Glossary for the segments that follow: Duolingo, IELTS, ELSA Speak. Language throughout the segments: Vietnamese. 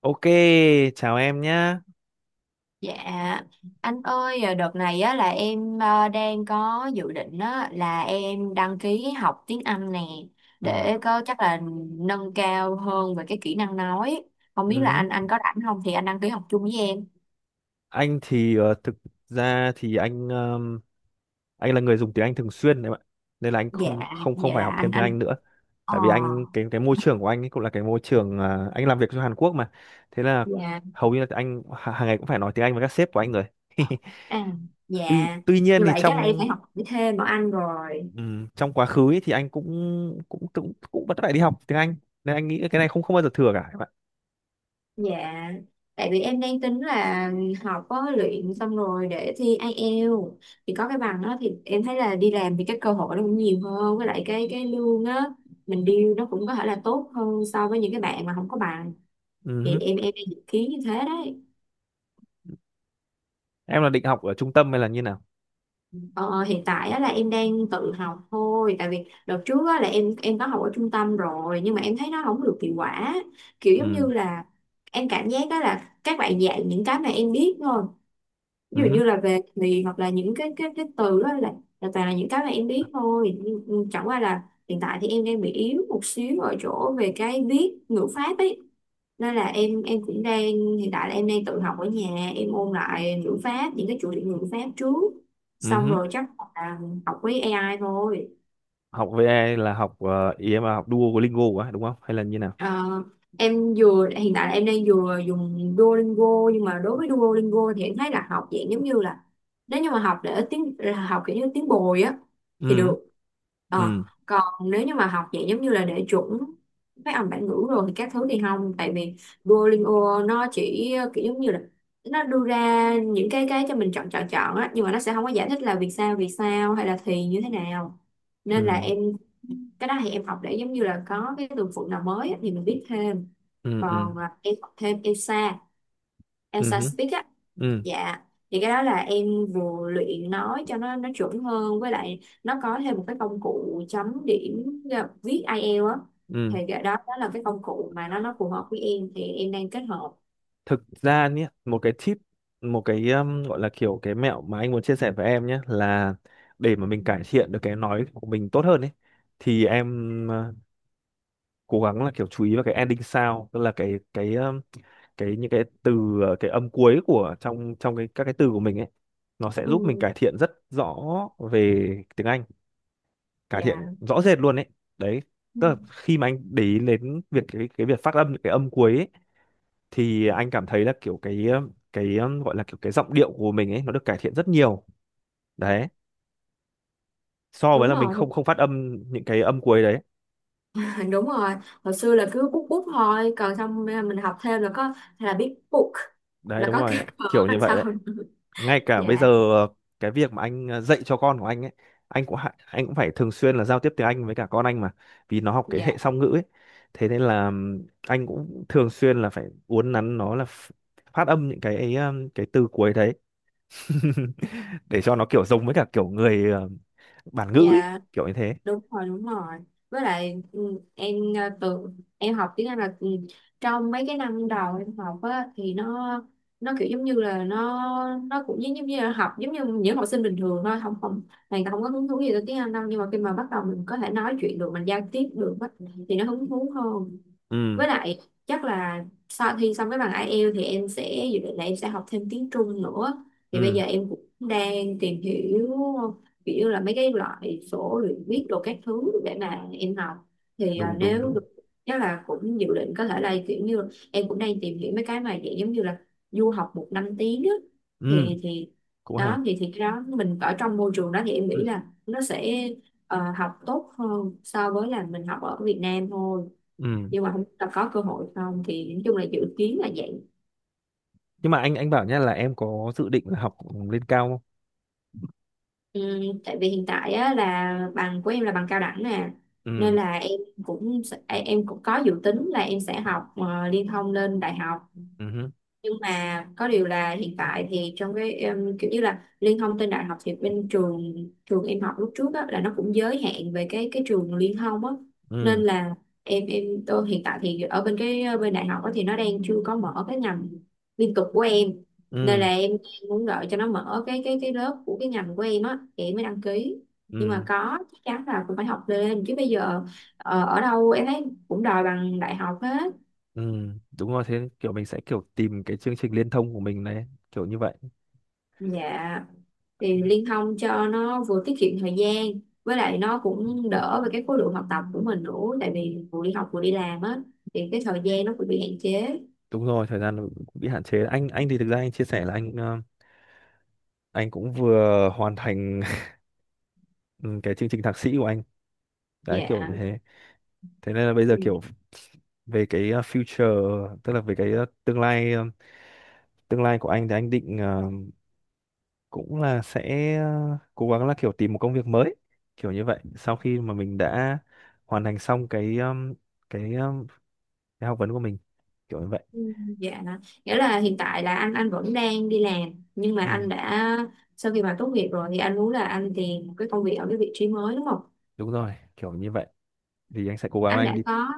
Ok, chào em nhá. Dạ, anh ơi, đợt này á, là em đang có dự định á, là em đăng ký học tiếng Anh nè Ừ. để có chắc là nâng cao hơn về cái kỹ năng nói. Không biết là Ừhứ. anh có rảnh không thì anh đăng ký học chung với em. Anh thì thực ra thì anh là người dùng tiếng Anh thường xuyên đấy bạn. Nên là anh Dạ, không không không vậy phải là học anh thêm tiếng anh. Anh nữa. Ờ, Tại vì anh cái môi trường của anh ấy cũng là cái môi trường à, anh làm việc cho Hàn Quốc mà. Thế là dạ, hầu như là anh hàng ngày cũng phải nói tiếng Anh với các sếp của anh rồi. à, Tuy dạ. tuy nhiên Như thì vậy chắc là em trong phải học thêm bọn anh rồi. Trong quá khứ ấy thì anh cũng cũng cũng cũng vẫn phải đi học tiếng Anh. Nên anh nghĩ cái này không không bao giờ thừa cả các Dạ, tại vì em đang tính là học có luyện xong rồi để thi IELTS thì có cái bằng đó thì em thấy là đi làm thì cái cơ hội nó cũng nhiều hơn, với lại cái lương á mình deal nó cũng có thể là tốt hơn so với những cái bạn mà không có bằng, thì bạn. em đang dự kiến như thế đấy. Em là định học ở trung tâm hay là như nào? Ờ, Hiện tại á, là em đang tự học thôi, tại vì đợt trước á, là em có học ở trung tâm rồi nhưng mà em thấy nó không được hiệu quả, kiểu giống như Ừ, là em cảm giác đó là các bạn dạy những cái mà em biết thôi, ví ừ dụ hứ. như là về thì hoặc là những cái từ đó là toàn là những cái mà em biết thôi. Nhưng- chẳng qua là hiện tại thì em đang bị yếu một xíu ở chỗ về cái viết ngữ pháp ấy, nên là em cũng đang, hiện tại là em đang tự học ở nhà, em ôn lại ngữ pháp những cái chủ đề ngữ pháp trước, Ừ xong hứ. rồi chắc là học với AI thôi. Học VA là học ý em là học Duolingo quá, đúng không? Hay là như nào? Ờ, em vừa, hiện tại là em đang vừa dùng Duolingo, nhưng mà đối với Duolingo thì em thấy là học dạng giống như là, nếu như mà học để tiếng là học kiểu như tiếng bồi á thì Ừ, được. Ờ, ừ, Còn nếu như mà học dạng giống như là để chuẩn phát âm bản ngữ rồi thì các thứ thì không, tại vì Duolingo nó chỉ kiểu giống như là nó đưa ra những cái cho mình chọn chọn chọn á, nhưng mà nó sẽ không có giải thích là vì sao, hay là thì như thế nào, nên là ừ, em, cái đó thì em học để giống như là có cái từ vựng nào mới á, thì mình biết thêm. ừ, ừ, Còn em học thêm ELSA, ừ ELSA hứ, Speak á, ừ, dạ, thì cái đó là em vừa luyện nói cho nó chuẩn hơn, với lại nó có thêm một cái công cụ chấm điểm viết IELTS á, thì ừ. cái đó đó là cái công cụ mà nó phù hợp với em, thì em đang kết hợp. Thực ra nhé, một cái tip, một cái gọi là kiểu cái mẹo mà anh muốn chia sẻ với em nhé là để mà mình cải thiện được cái nói của mình tốt hơn ấy, thì em cố gắng là kiểu chú ý vào cái ending sound, tức là cái cái những cái từ cái âm cuối của trong trong cái các cái từ của mình ấy, nó sẽ Ừ, giúp mình cải thiện rất rõ về tiếng Anh, cải thiện dạ. rõ rệt luôn ấy đấy. Ừ. Tức là khi mà anh để ý đến việc cái việc phát âm cái âm cuối ấy, thì anh cảm thấy là kiểu cái gọi là kiểu cái giọng điệu của mình ấy nó được cải thiện rất nhiều đấy, so với Đúng là mình không rồi. không phát âm những cái âm cuối đấy. Đúng rồi, hồi xưa là cứ bút bút thôi, còn xong mình học thêm là có hay là biết book Đấy, là đúng có rồi cái đấy, cờ kiểu như đằng vậy sau. đấy. Ngay cả bây giờ Dạ. ờ, cái việc mà anh dạy cho con của anh ấy, anh cũng phải thường xuyên là giao tiếp tiếng Anh với cả con anh mà, vì nó học cái Dạ. hệ song ngữ ấy. Thế nên là anh cũng thường xuyên là phải uốn nắn nó là phát âm những cái ấy, cái từ cuối đấy. Để cho nó kiểu giống với cả kiểu người bản ngữ ấy, Dạ, kiểu như thế. đúng rồi, đúng rồi, với lại ừ, em ờ, tự em học tiếng Anh là trong mấy cái năm đầu em học á thì nó kiểu giống như là nó cũng giống giống như là học giống như những học sinh bình thường thôi, không không này, không có hứng thú gì tới tiếng Anh đâu, nhưng mà khi mà bắt đầu mình có thể nói chuyện được, mình giao tiếp được á, thì nó hứng thú hơn. Ừ, Với lại chắc là sau khi xong cái bằng IELTS thì em sẽ dự định là em sẽ học thêm tiếng Trung nữa, thì bây ừ, giờ em cũng đang tìm hiểu kiểu như là mấy cái loại sổ luyện viết đồ các thứ để mà em học, thì đúng, đúng, nếu đúng, được chắc là cũng dự định có thể là kiểu như, em cũng đang tìm hiểu mấy cái mà dạng giống như là du học một năm tiếng á ừ, thì cũng hay, đó thì cái đó mình ở trong môi trường đó thì em ừ, nghĩ là nó sẽ học tốt hơn so với là mình học ở Việt Nam thôi, ừ. nhưng mà không biết là có cơ hội không, thì nói chung là dự kiến là vậy. Nhưng mà anh bảo nhá là em có dự định là học lên cao không? Ừ, tại vì hiện tại á, là bằng của em là bằng cao đẳng nè, nên Ừ, là em cũng sẽ- em cũng có dự tính là em sẽ học liên thông lên đại học, ừ, nhưng mà có điều là hiện tại thì trong cái em, kiểu như là liên thông trên đại học thì bên trường, em học lúc trước á, là nó cũng giới hạn về cái trường liên thông á, nên ừ, là em tôi hiện tại thì ở bên cái bên đại học á, thì nó đang chưa có mở cái ngành liên tục của em, nên là ừ, em muốn đợi cho nó mở cái cái lớp của cái ngành của em á thì em mới đăng ký, nhưng mà ừ. có chắc chắn là cũng phải học lên chứ bây giờ ở đâu em thấy cũng đòi bằng đại học hết. Ừ, đúng rồi, thế kiểu mình sẽ kiểu tìm cái chương trình liên thông của mình này, kiểu như vậy. Dạ, thì liên thông cho nó vừa tiết kiệm thời gian, với lại nó cũng đỡ về cái khối lượng học tập của mình nữa, tại vì vừa đi học vừa đi làm á thì cái thời gian nó cũng bị hạn chế. Đúng rồi, thời gian nó cũng bị hạn chế. Anh thì thực ra anh chia sẻ là anh cũng vừa hoàn thành ừ, cái chương trình thạc sĩ của anh đấy, Dạ. kiểu như thế. Thế nên là bây Ừ. giờ kiểu về future, tức là về tương lai, tương lai của anh thì anh định cũng là sẽ cố gắng là kiểu tìm một công việc mới, kiểu như vậy, sau khi mà mình đã hoàn thành xong cái ờm, cái học vấn của mình, kiểu như vậy. Ừ, dạ, nghĩa là hiện tại là anh vẫn đang đi làm, nhưng mà Ừ, anh đã, sau khi mà tốt nghiệp rồi thì anh muốn là anh tìm một cái công việc ở cái vị trí mới, đúng không? đúng rồi, kiểu như vậy. Thì anh sẽ cố gắng Anh anh đã đi. có,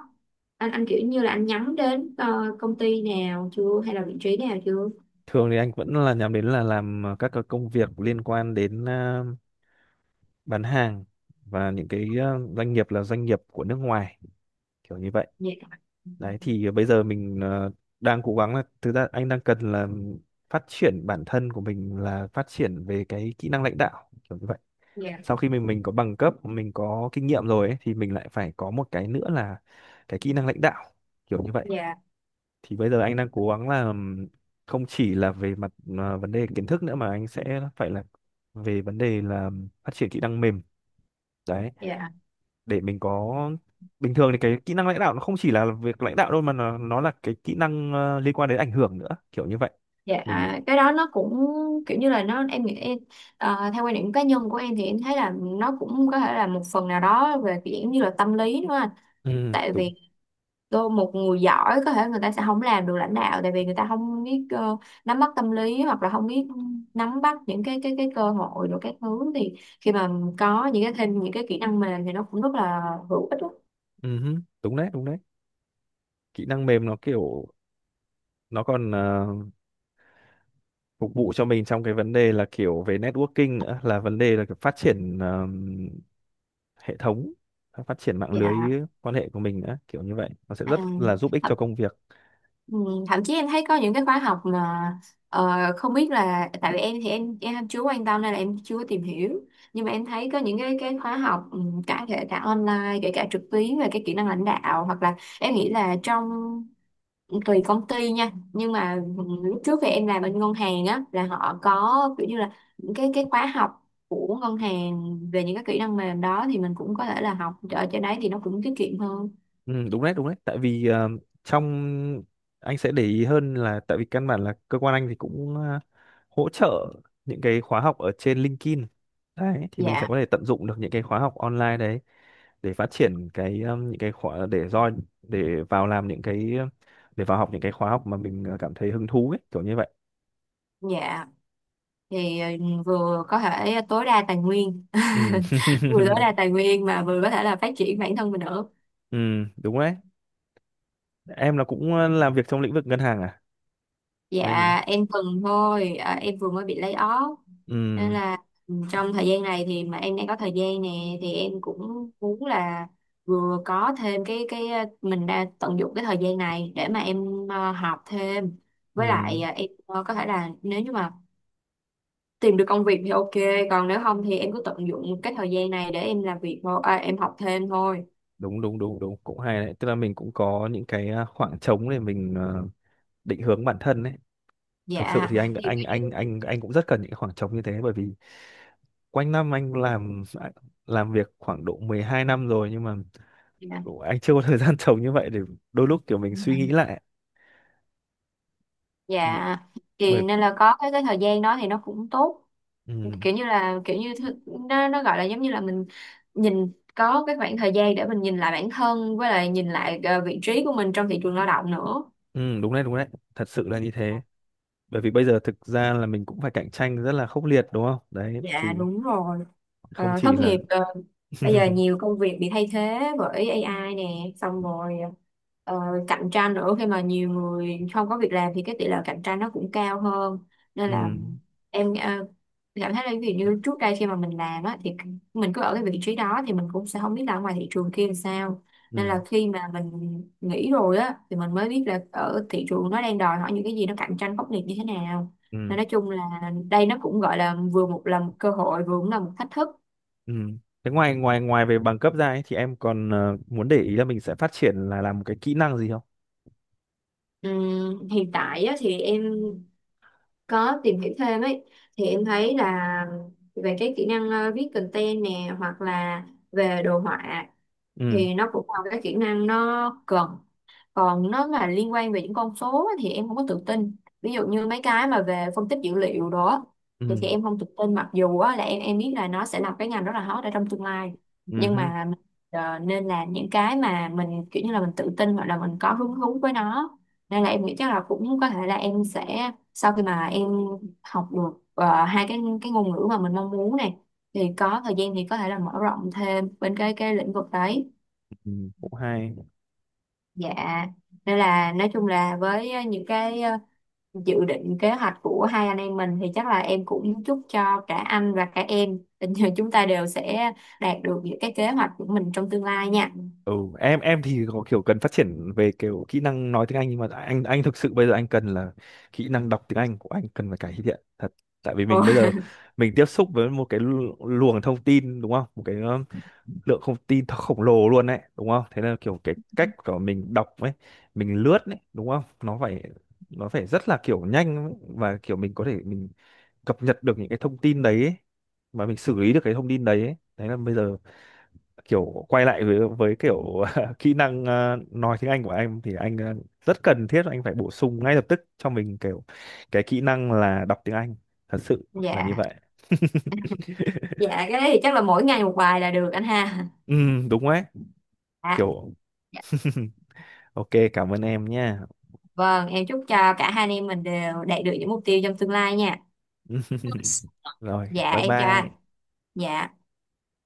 anh kiểu như là anh nhắm đến công ty nào chưa hay là vị trí nào chưa? Thường thì anh vẫn là nhắm đến là làm các cái công việc liên quan đến bán hàng và những cái doanh nghiệp là doanh nghiệp của nước ngoài, kiểu như vậy. Dạ. Ừ. Đấy, thì bây giờ mình đang cố gắng là thực ra anh đang cần là phát triển bản thân của mình là phát triển về cái kỹ năng lãnh đạo, kiểu như vậy. Dạ. Sau khi mình có bằng cấp, mình có kinh nghiệm rồi ấy, thì mình lại phải có một cái nữa là cái kỹ năng lãnh đạo, kiểu như vậy. Dạ. Thì bây giờ anh đang cố gắng là không chỉ là về mặt à, vấn đề kiến thức nữa mà anh sẽ phải là về vấn đề là phát triển kỹ năng mềm đấy, Dạ. để mình có. Bình thường thì cái kỹ năng lãnh đạo nó không chỉ là việc lãnh đạo đâu, mà nó là cái kỹ năng liên quan đến ảnh hưởng nữa, kiểu như vậy Dạ, mình. cái đó nó cũng kiểu như là nó, em nghĩ em theo quan điểm cá nhân của em thì em thấy là nó cũng có thể là một phần nào đó về kiểu như là tâm lý, đúng không anh? Ừ, Tại đúng. vì đôi một người giỏi có thể người ta sẽ không làm được lãnh đạo, tại vì người ta không biết nắm bắt tâm lý hoặc là không biết nắm bắt những cái cơ hội rồi các thứ, thì khi mà có những cái thêm những cái kỹ năng mềm thì nó cũng rất là hữu ích đó. Ừ hứ. Đúng đấy, đúng đấy. Kỹ năng mềm nó kiểu, nó còn phục vụ cho mình trong cái vấn đề là kiểu về networking nữa, là vấn đề là kiểu phát triển hệ thống, phát triển mạng lưới Dạ. quan hệ của mình nữa, kiểu như vậy, nó sẽ rất là giúp ích cho À. công việc. Ừ, thậm chí em thấy có những cái khóa học mà ờ, không biết là, tại vì em thì em chưa quan tâm nên là em chưa tìm hiểu, nhưng mà em thấy có những cái khóa học ừ, cả kể cả online kể cả trực tuyến về cái kỹ năng lãnh đạo, hoặc là em nghĩ là trong ừ, tùy công ty nha, nhưng mà lúc trước thì em làm bên ngân hàng á là họ có kiểu như là những cái khóa học của ngân hàng về những cái kỹ năng mềm đó, thì mình cũng có thể là học ở trên đấy thì nó cũng tiết kiệm hơn. Ừ, đúng đấy, đúng đấy, tại vì trong anh sẽ để ý hơn là tại vì căn bản là cơ quan anh thì cũng hỗ trợ những cái khóa học ở trên LinkedIn đấy, thì mình sẽ Dạ. có thể tận dụng được những cái khóa học online đấy để phát triển cái những cái khóa để do để vào làm những cái để vào học những cái khóa học mà mình cảm thấy hứng thú ấy, kiểu như vậy. Dạ, thì vừa có thể tối đa tài nguyên, Ừ. vừa tối đa tài nguyên mà vừa có thể là phát triển bản thân mình nữa. Ừ, đúng đấy. Em là cũng làm việc trong lĩnh vực ngân hàng à? Hay nhìn Dạ, nào. em từng thôi, em vừa mới bị lay off. Ừ. Nên là trong thời gian này thì mà em đang có thời gian nè, thì em cũng muốn là vừa có thêm cái mình đã tận dụng cái thời gian này để mà em học thêm, Ừ, với lại em có thể là nếu như mà tìm được công việc thì ok, còn nếu không thì em cứ tận dụng cái thời gian này để em làm việc thôi, em học thêm thôi. đúng, đúng, đúng, đúng, cũng hay đấy, tức là mình cũng có những cái khoảng trống để mình định hướng bản thân đấy. Thực sự Dạ, thì anh thì, anh anh anh anh cũng rất cần những cái khoảng trống như thế, bởi vì quanh năm anh làm việc khoảng độ 12 năm rồi, nhưng mà dạ. anh chưa có thời gian trống như vậy để đôi lúc kiểu mình suy nghĩ lại. B- Dạ. Thì Bởi, nên là có cái thời gian đó thì nó cũng tốt, ừ, kiểu như là kiểu như thứ- nó gọi là giống như là mình nhìn, có cái khoảng thời gian để mình nhìn lại bản thân, với lại nhìn lại vị trí của mình trong thị trường lao động nữa. ừ, đúng đấy, đúng đấy, thật sự là như thế. Bởi vì bây giờ thực ra là mình cũng phải cạnh tranh rất là khốc liệt, đúng không đấy? Thì Dạ, đúng rồi. không chỉ Thất nghiệp, là bây giờ nhiều công việc bị thay thế bởi AI nè, xong rồi ờ, cạnh tranh nữa, khi mà nhiều người không có việc làm thì cái tỷ lệ cạnh tranh nó cũng cao hơn. Nên ừ, là em cảm thấy là, ví dụ như trước đây khi mà mình làm á thì mình cứ ở cái vị trí đó thì mình cũng sẽ không biết là ở ngoài thị trường kia làm sao. Nên là ừ, khi mà mình nghỉ rồi á thì mình mới biết là ở thị trường nó đang đòi hỏi những cái gì, nó cạnh tranh khốc liệt như thế nào. ừ, Nên nói chung là đây nó cũng gọi là vừa một là một cơ hội vừa cũng là một thách thức. ừ. Thế ngoài ngoài ngoài về bằng cấp ra ấy, thì em còn muốn để ý là mình sẽ phát triển là làm một cái kỹ năng gì không? Hiện tại á, thì em có tìm hiểu thêm ấy, thì em thấy là về cái kỹ năng viết content nè hoặc là về đồ họa Ừ, thì nó cũng là cái kỹ năng nó cần, còn nó mà liên quan về những con số á, thì em không có tự tin, ví dụ như mấy cái mà về phân tích dữ liệu đó, thì ừ, em không tự tin, mặc dù á, là em biết là nó sẽ là cái ngành rất là hot ở trong tương lai, ừ nhưng hứ, mà mình, nên làm những cái mà mình kiểu như là mình tự tin hoặc là mình có hứng thú với nó, nên là em nghĩ chắc là cũng có thể là em sẽ, sau khi mà em học được hai cái ngôn ngữ mà mình mong muốn này, thì có thời gian thì có thể là mở rộng thêm bên cái lĩnh vực đấy. ừ, cũng hay. Dạ, nên là nói chung là với những cái dự định kế hoạch của hai anh em mình, thì chắc là em cũng chúc cho cả anh và cả em tình chúng ta đều sẽ đạt được những cái kế hoạch của mình trong tương lai nha. Ừ, em thì có kiểu cần phát triển về kiểu kỹ năng nói tiếng Anh, nhưng mà anh thực sự bây giờ anh cần là kỹ năng đọc tiếng Anh của anh cần phải cải thiện thật. Tại vì Ồ, mình bây giờ mình tiếp xúc với một cái luồng thông tin, đúng không? Một cái lượng thông tin nó khổng lồ luôn đấy, đúng không? Thế là kiểu cái cách của mình đọc ấy, mình lướt ấy, đúng không, nó phải rất là kiểu nhanh ấy. Và kiểu mình có thể mình cập nhật được những cái thông tin đấy ấy, và mình xử lý được cái thông tin đấy ấy. Đấy là bây giờ kiểu quay lại với kiểu kỹ năng nói tiếng Anh của anh thì anh rất cần thiết anh phải bổ sung ngay lập tức cho mình kiểu cái kỹ năng là đọc tiếng Anh, thật sự là như dạ. vậy. Dạ, cái đấy thì chắc là mỗi ngày một bài là được anh ha. Ừ, đúng đấy, Dạ. kiểu. Dạ. Ok, cảm ơn em nha. Vâng, em chúc cho cả hai anh em mình đều đạt được những mục tiêu trong tương lai nha. Rồi, Dạ, bye em chào anh. bye. Dạ.